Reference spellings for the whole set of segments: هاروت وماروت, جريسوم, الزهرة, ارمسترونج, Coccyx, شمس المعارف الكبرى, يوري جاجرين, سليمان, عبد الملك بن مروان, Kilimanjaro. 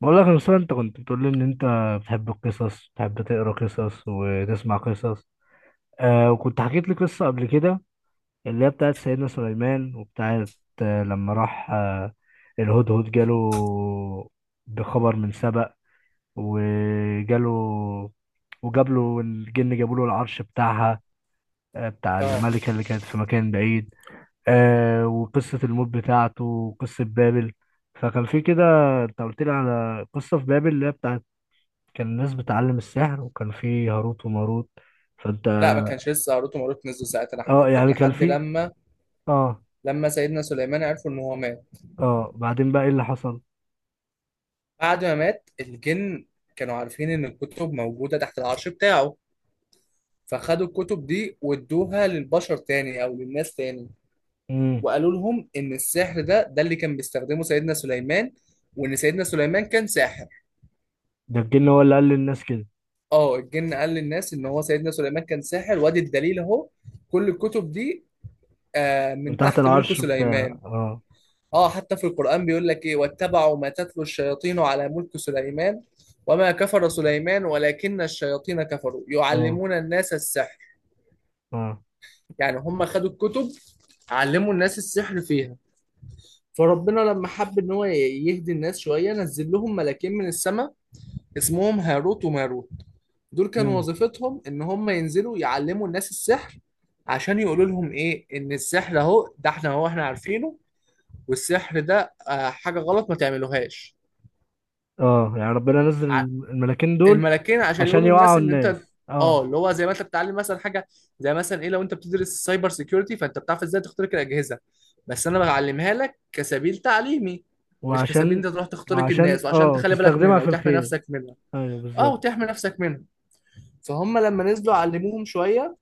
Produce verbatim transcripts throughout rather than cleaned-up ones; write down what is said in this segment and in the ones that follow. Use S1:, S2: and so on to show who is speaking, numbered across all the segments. S1: بقول لك يا أستاذ، انت كنت بتقول لي ان انت بتحب القصص، بتحب تقرا قصص وتسمع قصص. آه وكنت حكيت لي قصة قبل كده اللي هي بتاعت سيدنا سليمان وبتاعت آه لما راح آه الهدهد جاله بخبر من سبأ وجاله، وجاب له الجن، جابوا له العرش بتاعها، آه بتاع
S2: اه
S1: الملكة اللي كانت في مكان بعيد. آه وقصة الموت بتاعته وقصة بابل، فكان في كده. انت قلت لي على قصة في بابل اللي هي بتاعت كان الناس بتعلم السحر، وكان في هاروت وماروت. فانت
S2: لا، ما كانش لسه هاروت وماروت نزلوا ساعتها. انا
S1: اه
S2: حكيت لك
S1: يعني كان
S2: لحد
S1: في.
S2: لما
S1: اه.
S2: لما سيدنا سليمان عرفوا ان هو مات.
S1: اه بعدين بقى ايه اللي حصل؟
S2: بعد ما مات الجن كانوا عارفين ان الكتب موجوده تحت العرش بتاعه، فخدوا الكتب دي وادوها للبشر تاني او للناس تاني،
S1: امم.
S2: وقالوا لهم ان السحر ده ده اللي كان بيستخدمه سيدنا سليمان، وان سيدنا سليمان كان ساحر.
S1: ده الجن هو اللي قال للناس كده؟
S2: اه الجن قال للناس ان هو سيدنا سليمان كان ساحر، وادي الدليل اهو كل الكتب دي، آه،
S1: من
S2: من
S1: تحت
S2: تحت ملك
S1: العرش بتاع،
S2: سليمان.
S1: اه.
S2: اه حتى في القرآن بيقول لك ايه: واتبعوا ما تتلو الشياطين على ملك سليمان وما كفر سليمان ولكن الشياطين كفروا
S1: اه.
S2: يعلمون الناس السحر.
S1: اه.
S2: يعني هم خدوا الكتب، علموا الناس السحر فيها. فربنا لما حب ان هو ي- يهدي الناس شوية نزل لهم ملاكين من السماء اسمهم هاروت وماروت. دول كانوا
S1: امم.
S2: وظيفتهم ان هم ينزلوا يعلموا الناس السحر، عشان يقولوا لهم ايه، ان السحر اهو ده احنا، هو احنا عارفينه، والسحر ده آه، حاجة غلط ما تعملوهاش.
S1: اه، يعني ربنا نزل الملاكين دول
S2: الملكين عشان
S1: عشان
S2: يقولوا للناس
S1: يوعوا
S2: ان انت،
S1: الناس،
S2: اه
S1: اه.
S2: اللي هو زي ما انت بتتعلم مثلا حاجه، زي مثلا ايه، لو انت بتدرس سايبر سيكيورتي فانت بتعرف ازاي تخترق الاجهزه، بس انا بعلمها لك كسبيل تعليمي، مش كسبيل انت
S1: وعشان،
S2: تروح تخترق الناس،
S1: وعشان
S2: وعشان
S1: اه
S2: تخلي بالك
S1: تستخدمها
S2: منها
S1: في
S2: وتحمي
S1: الخير.
S2: نفسك منها.
S1: ايوه
S2: اه،
S1: بالظبط.
S2: وتحمي نفسك منها. فهم لما نزلوا علموهم شويه،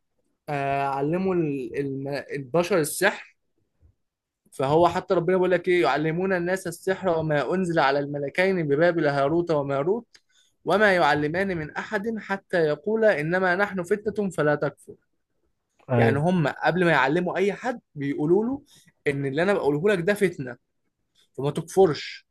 S2: آه علموا ال- الم- البشر السحر. فهو حتى ربنا بيقول لك ايه: يعلمون الناس السحر وما انزل على الملكين ببابل هاروت وماروت وما يعلمان من احد حتى يقولا انما نحن فتنة فلا تكفر. يعني
S1: ايوه.
S2: هم قبل ما يعلموا اي حد بيقولوا له ان اللي انا بقوله لك ده فتنة، فما تكفرش.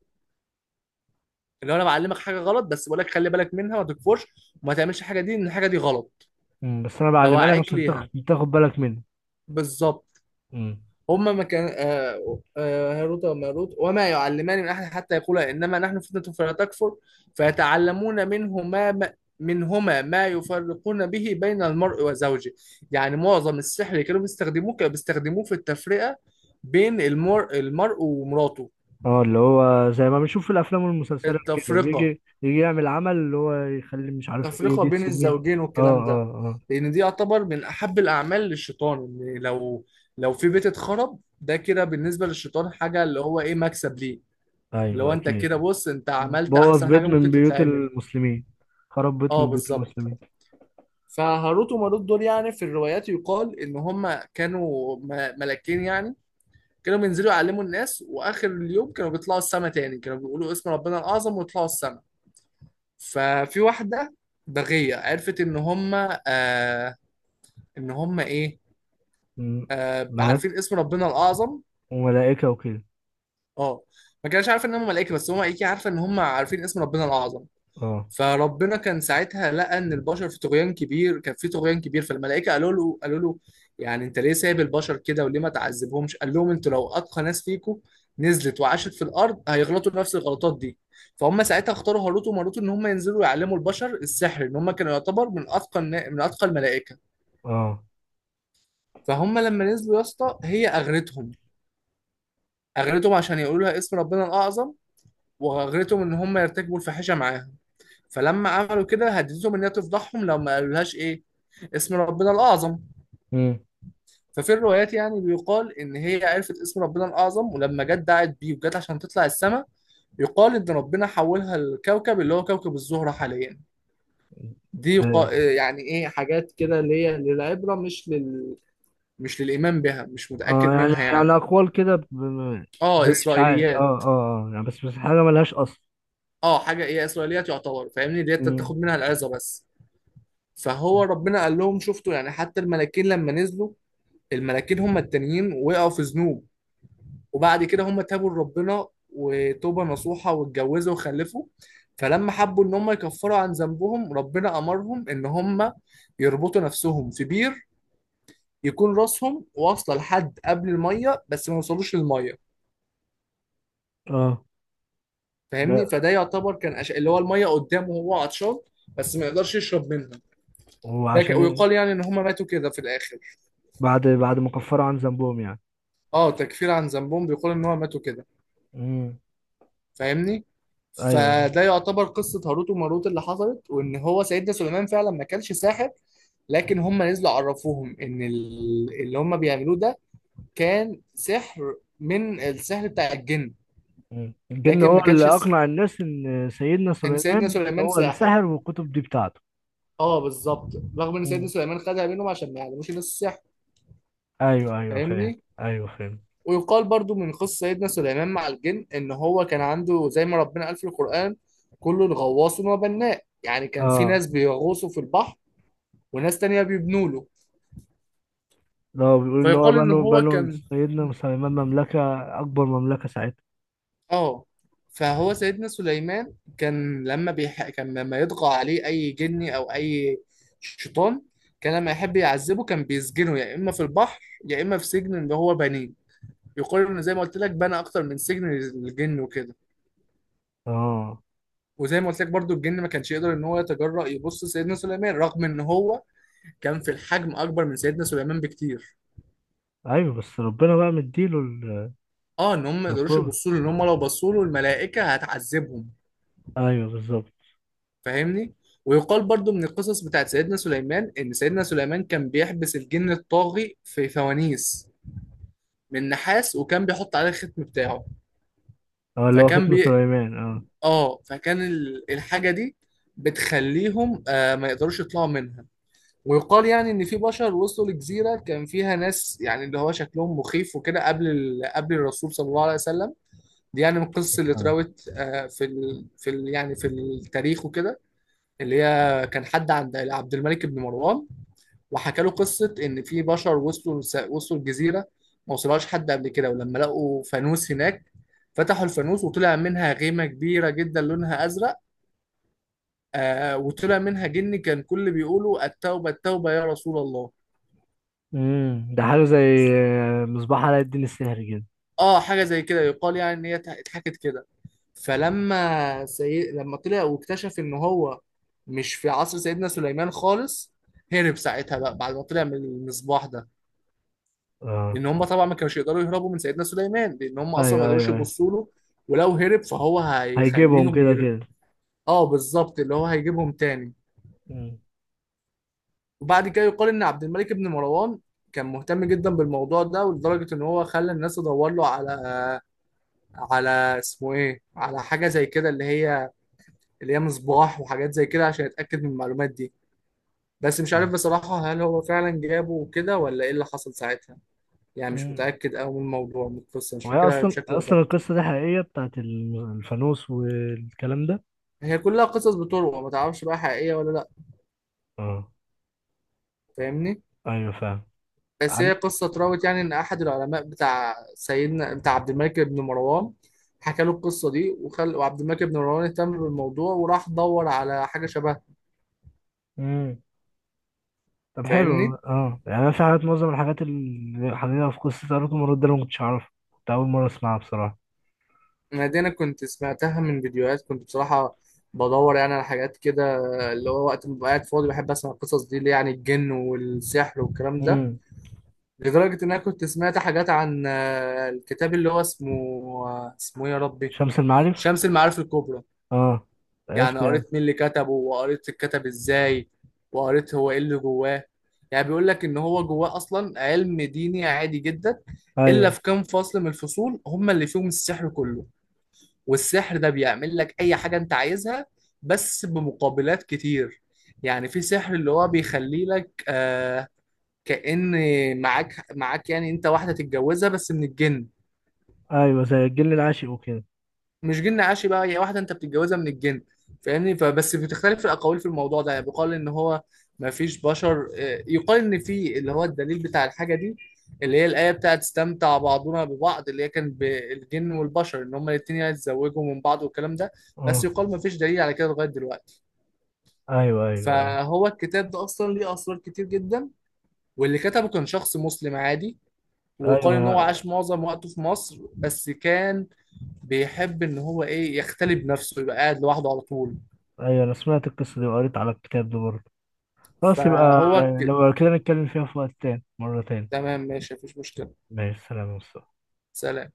S2: اللي هو انا بعلمك حاجة غلط بس بقول لك خلي بالك منها، ما تكفرش وما تعملش الحاجة دي، ان الحاجة دي غلط.
S1: مم. بس انا بعلمها لك
S2: بوعيك
S1: عشان
S2: ليها.
S1: تاخد تاخد بالك منها.
S2: بالظبط.
S1: مم.
S2: هما ما كان آه، آه، هاروت وماروت، وما يعلمان من أحد حتى يقولا إنما نحن فتنة فلا تكفر. فيتعلمون منهما ما منهما ما يفرقون به بين المرء وزوجه. يعني معظم السحر اللي كانوا بيستخدموه كانوا بيستخدموه في التفرقة بين المر... المرء ومراته.
S1: اه اللي هو زي ما بنشوف في الافلام والمسلسلات كده،
S2: التفرقة
S1: بيجي يجي يعمل عمل اللي هو يخلي، مش عارف ايه،
S2: التفرقة
S1: دي
S2: بين
S1: تسيب مين.
S2: الزوجين
S1: اه
S2: والكلام ده.
S1: اه
S2: لأن دي يعتبر من أحب الأعمال للشيطان، إن لو لو في بيت اتخرب، ده كده بالنسبة للشيطان حاجة اللي هو إيه، مكسب ليه.
S1: اه.
S2: لو
S1: ايوه
S2: انت
S1: اكيد.
S2: كده، بص انت عملت
S1: بوظ
S2: احسن حاجه
S1: بيت
S2: ممكن
S1: من بيوت
S2: تتعمل.
S1: المسلمين، خرب بيت
S2: اه،
S1: من بيوت
S2: بالظبط.
S1: المسلمين.
S2: فهاروت وماروت دول، يعني في الروايات يقال ان هم كانوا م- ملاكين، يعني كانوا بينزلوا يعلموا الناس واخر اليوم كانوا بيطلعوا السما تاني، كانوا بيقولوا اسم ربنا الاعظم ويطلعوا السما. ففي واحده بغيه عرفت ان هم، آه ان هم ايه
S1: مم.
S2: آه
S1: ملاك،
S2: عارفين اسم ربنا الاعظم.
S1: وملائكة وكده.
S2: اه، ما كانش عارف ان هم ملائكه، بس هم ايه، عارفه ان هم عارفين اسم ربنا الاعظم.
S1: اه.
S2: فربنا كان ساعتها لقى ان البشر في طغيان كبير، كان في طغيان كبير، فالملائكه قالوا له قالوا له يعني انت ليه سايب البشر كده وليه ما تعذبهمش. قال لهم انتوا لو اتقى ناس فيكم نزلت وعاشت في الارض هيغلطوا نفس الغلطات دي. فهم ساعتها اختاروا هاروت وماروت ان هم ينزلوا يعلموا البشر السحر، ان هم كانوا يعتبر من اتقى النا- من اتقى الملائكه.
S1: اه.
S2: فهم لما نزلوا يا اسطى هي اغرتهم، اغرتهم عشان يقولوا لها اسم ربنا الاعظم، واغرتهم ان هم يرتكبوا الفاحشه معاها. فلما عملوا كده هددتهم انها تفضحهم لو ما قالولهاش ايه، اسم ربنا الاعظم.
S1: مم.
S2: ففي الروايات يعني بيقال ان هي عرفت اسم ربنا الاعظم ولما جت دعت بيه وجت عشان تطلع السماء، يقال ان ربنا حولها لكوكب اللي هو كوكب الزهرة حاليا. دي
S1: اه.
S2: قا- يعني ايه، حاجات كده اللي هي للعبرة، مش لل مش للايمان بها، مش
S1: آه،
S2: متاكد
S1: يعني
S2: منها
S1: يعني
S2: يعني.
S1: اقوال كده، ب- ب-
S2: اه،
S1: زي اشاعات. اه
S2: اسرائيليات.
S1: اه اه يعني، بس بس حاجة ملهاش اصل.
S2: اه، حاجه ايه، اسرائيليات يعتبر، فاهمني، اللي هي
S1: مم.
S2: تاخد منها العظه بس. فهو ربنا قال لهم شفتوا يعني حتى الملاكين لما نزلوا، الملاكين هم التانيين وقعوا في ذنوب، وبعد كده هم تابوا لربنا وتوبة نصوحة واتجوزوا وخلفوا. فلما حبوا ان هم يكفروا عن ذنبهم ربنا امرهم ان هم يربطوا نفسهم في بير، يكون راسهم واصله لحد قبل الميه بس ما يوصلوش للميه.
S1: اه. ده.
S2: فاهمني، فده يعتبر كان أش... اللي هو الميه قدامه وهو عطشان بس ما يقدرش يشرب منها. ده ك...
S1: وعشان إيه؟
S2: ويقال يعني ان هم ماتوا كده في الاخر.
S1: بعد بعد ما كفروا عن ذنبهم يعني.
S2: اه، تكفير عن ذنبهم، بيقال ان هم ماتوا كده.
S1: مم.
S2: فاهمني.
S1: ايوه.
S2: فده يعتبر قصة هاروت وماروت اللي حصلت، وإن هو سيدنا سليمان فعلا ما كانش ساحر، لكن هم نزلوا عرفوهم إن ال- اللي هم بيعملوه ده كان سحر من السحر بتاع الجن،
S1: مم. الجن
S2: لكن
S1: هو
S2: ما كانش
S1: اللي
S2: س...
S1: اقنع الناس ان سيدنا
S2: إن سيدنا
S1: سليمان
S2: سليمان
S1: هو اللي
S2: ساحر.
S1: سحر، والكتب دي بتاعته.
S2: اه، بالظبط. رغم إن سيدنا
S1: مم.
S2: سليمان خدها منهم عشان ما يعلموش الناس السحر.
S1: ايوه ايوه، فاهم.
S2: فاهمني.
S1: ايوه فاهم.
S2: ويقال برضو من قصة سيدنا سليمان مع الجن إن هو كان عنده زي ما ربنا قال في القرآن: كل الغواص وما بناء، يعني كان في
S1: اه،
S2: ناس بيغوصوا في البحر وناس تانية بيبنوا له.
S1: لو بيقول ان هو
S2: فيقال ان
S1: بنوا
S2: هو
S1: بنوا
S2: كان،
S1: سيدنا سليمان مملكه، اكبر مملكه ساعتها.
S2: اه فهو سيدنا سليمان كان لما بيح... كان لما يطغى عليه اي جني او اي شيطان، كان لما يحب يعذبه كان بيسجنه يا اما في البحر يا اما في سجن اللي هو بنيه. يقال انه زي ما قلت لك بنى اكتر من سجن للجن وكده.
S1: اه
S2: وزي ما قلت لك برضو الجن ما كانش يقدر ان هو يتجرأ يبص سيدنا سليمان رغم ان هو كان في الحجم اكبر من سيدنا سليمان بكتير.
S1: ايوه، بس ربنا بقى مديله ال-،
S2: اه، ان هم ما يقدروش
S1: القوه.
S2: يبصوا له، ان هم لو بصوا له الملائكه هتعذبهم.
S1: ايوه بالظبط.
S2: فاهمني. ويقال برضو من القصص بتاعت سيدنا سليمان ان سيدنا سليمان كان بيحبس الجن الطاغي في فوانيس من نحاس وكان بيحط عليه الختم بتاعه.
S1: اه اللي هو
S2: فكان
S1: ختم
S2: بي
S1: سليمان، اه.
S2: اه فكان ال- الحاجة دي بتخليهم آه ما يقدروش يطلعوا منها. ويقال يعني ان في بشر وصلوا لجزيرة كان فيها ناس، يعني اللي هو شكلهم مخيف وكده، قبل ال... قبل الرسول صلى الله عليه وسلم. دي يعني من القصص اللي
S1: السلام.
S2: اتراوت آه في ال... في ال... يعني في التاريخ وكده، اللي هي كان حد عند عبد الملك بن مروان وحكى له قصه ان في بشر وصلوا، وصلوا الجزيره ما وصلهاش حد قبل كده، ولما لقوا فانوس هناك فتحوا الفانوس وطلع منها غيمه كبيره جدا لونها ازرق، آه وطلع منها جن كان كل بيقولوا التوبه التوبه يا رسول الله.
S1: امم ده حاجه زي، آه، مصباح علاء الدين السحري كده.
S2: اه، حاجه زي كده يقال يعني ان هي اتحكت كده. فلما سي... لما طلع واكتشف ان هو مش في عصر سيدنا سليمان خالص، هرب ساعتها بقى بعد ما طلع من المصباح ده،
S1: اه.
S2: لان هم طبعا ما كانوش يقدروا يهربوا من سيدنا سليمان لان هم اصلا
S1: ايوه
S2: ما
S1: ايوه
S2: يقدروش
S1: ايوه.
S2: يبصوا له، ولو هرب فهو
S1: هيجيبهم
S2: هيخليهم
S1: كده
S2: ير...
S1: كده.
S2: اه، بالظبط، اللي هو هيجيبهم تاني.
S1: مم.
S2: وبعد كده يقال ان عبد الملك بن مروان كان مهتم جدا بالموضوع ده، ولدرجه ان هو خلى الناس تدور له على على اسمه ايه، على حاجه زي كده، اللي هي اللي هي مصباح وحاجات زي كده عشان يتاكد من المعلومات دي. بس مش عارف بصراحه هل هو فعلا جابه وكده ولا ايه اللي حصل ساعتها. يعني مش
S1: مم.
S2: متاكد قوي من الموضوع، من القصه، مش
S1: وهي
S2: فاكرها
S1: اصلا
S2: بشكل
S1: اصلا
S2: دقيق.
S1: القصه دي حقيقيه، بتاعت الم- الفانوس والكلام ده؟
S2: هي كلها قصص بتروى ما تعرفش بقى حقيقية ولا لا.
S1: اه.
S2: فاهمني.
S1: ايوه فاهم.
S2: بس هي
S1: عن...
S2: قصة اتراوت يعني ان احد العلماء بتاع سيدنا، بتاع عبد الملك بن مروان، حكى له القصة دي، وخل... وعبد الملك بن مروان اهتم بالموضوع وراح دور على حاجة شبهها.
S1: امم. طب حلو
S2: فاهمني.
S1: والله. اه يعني انا في حاجات، معظم الحاجات اللي حقيقيه في قصه اروك المرود ده أنا ما كنتش اعرفها، كنت اول مره اسمعها بصراحه.
S2: انا دي انا كنت سمعتها من فيديوهات، كنت بصراحة بدور يعني على حاجات كده، اللي هو وقت ما ببقى قاعد فاضي بحب اسمع القصص دي اللي يعني الجن والسحر والكلام ده.
S1: امم.
S2: لدرجة ان انا كنت سمعت حاجات عن آه، الكتاب اللي هو اسمه، آه، اسمه ايه يا ربي،
S1: شمس المعارف.
S2: شمس المعارف الكبرى.
S1: اه.
S2: يعني
S1: عرفت يعني.
S2: قريت مين اللي كتبه، وقريت اتكتب ازاي، وقريت هو ايه اللي جواه. يعني بيقول لك ان هو جواه اصلا علم ديني عادي جدا، الا
S1: ايوه
S2: في كام فصل من الفصول هم اللي فيهم السحر كله. والسحر ده بيعمل لك اي حاجة انت عايزها بس بمقابلات كتير. يعني في سحر اللي هو بيخلي لك آه كأن معاك، معاك يعني انت واحدة تتجوزها بس من الجن.
S1: ايوه، زي الجن العاشق وكده.
S2: مش جن عاشي بقى، هي واحده انت بتتجوزها من الجن. فاهمني. فبس بتختلف الاقاويل في الموضوع ده، يعني بيقال ان هو ما فيش بشر، آه، يقال ان في اللي هو الدليل بتاع الحاجه دي، اللي هي الايه بتاعت استمتع بعضنا ببعض، اللي هي كان بالجن والبشر ان هما الاثنين يتزوجوا من بعض والكلام ده، بس
S1: اه
S2: يقال ما فيش دليل على كده لغايه دلوقتي.
S1: ايوه ايوه ايوه.
S2: فهو الكتاب ده اصلا ليه اسرار كتير جدا، واللي كتبه كان شخص مسلم عادي،
S1: ايوه
S2: ويقال ان هو
S1: انا.
S2: عاش معظم وقته في مصر، بس كان بيحب ان هو ايه يختلي بنفسه يبقى قاعد لوحده على طول.
S1: ايوه انا سمعت القصه دي وقريت على الكتاب ده برضه. خلاص يبقى،
S2: فهو ك...
S1: لو كده نتكلم فيها في وقت تاني، مره تاني.
S2: تمام ماشي، مفيش مشكلة.
S1: ماشي، سلام يا مصطفى.
S2: سلام.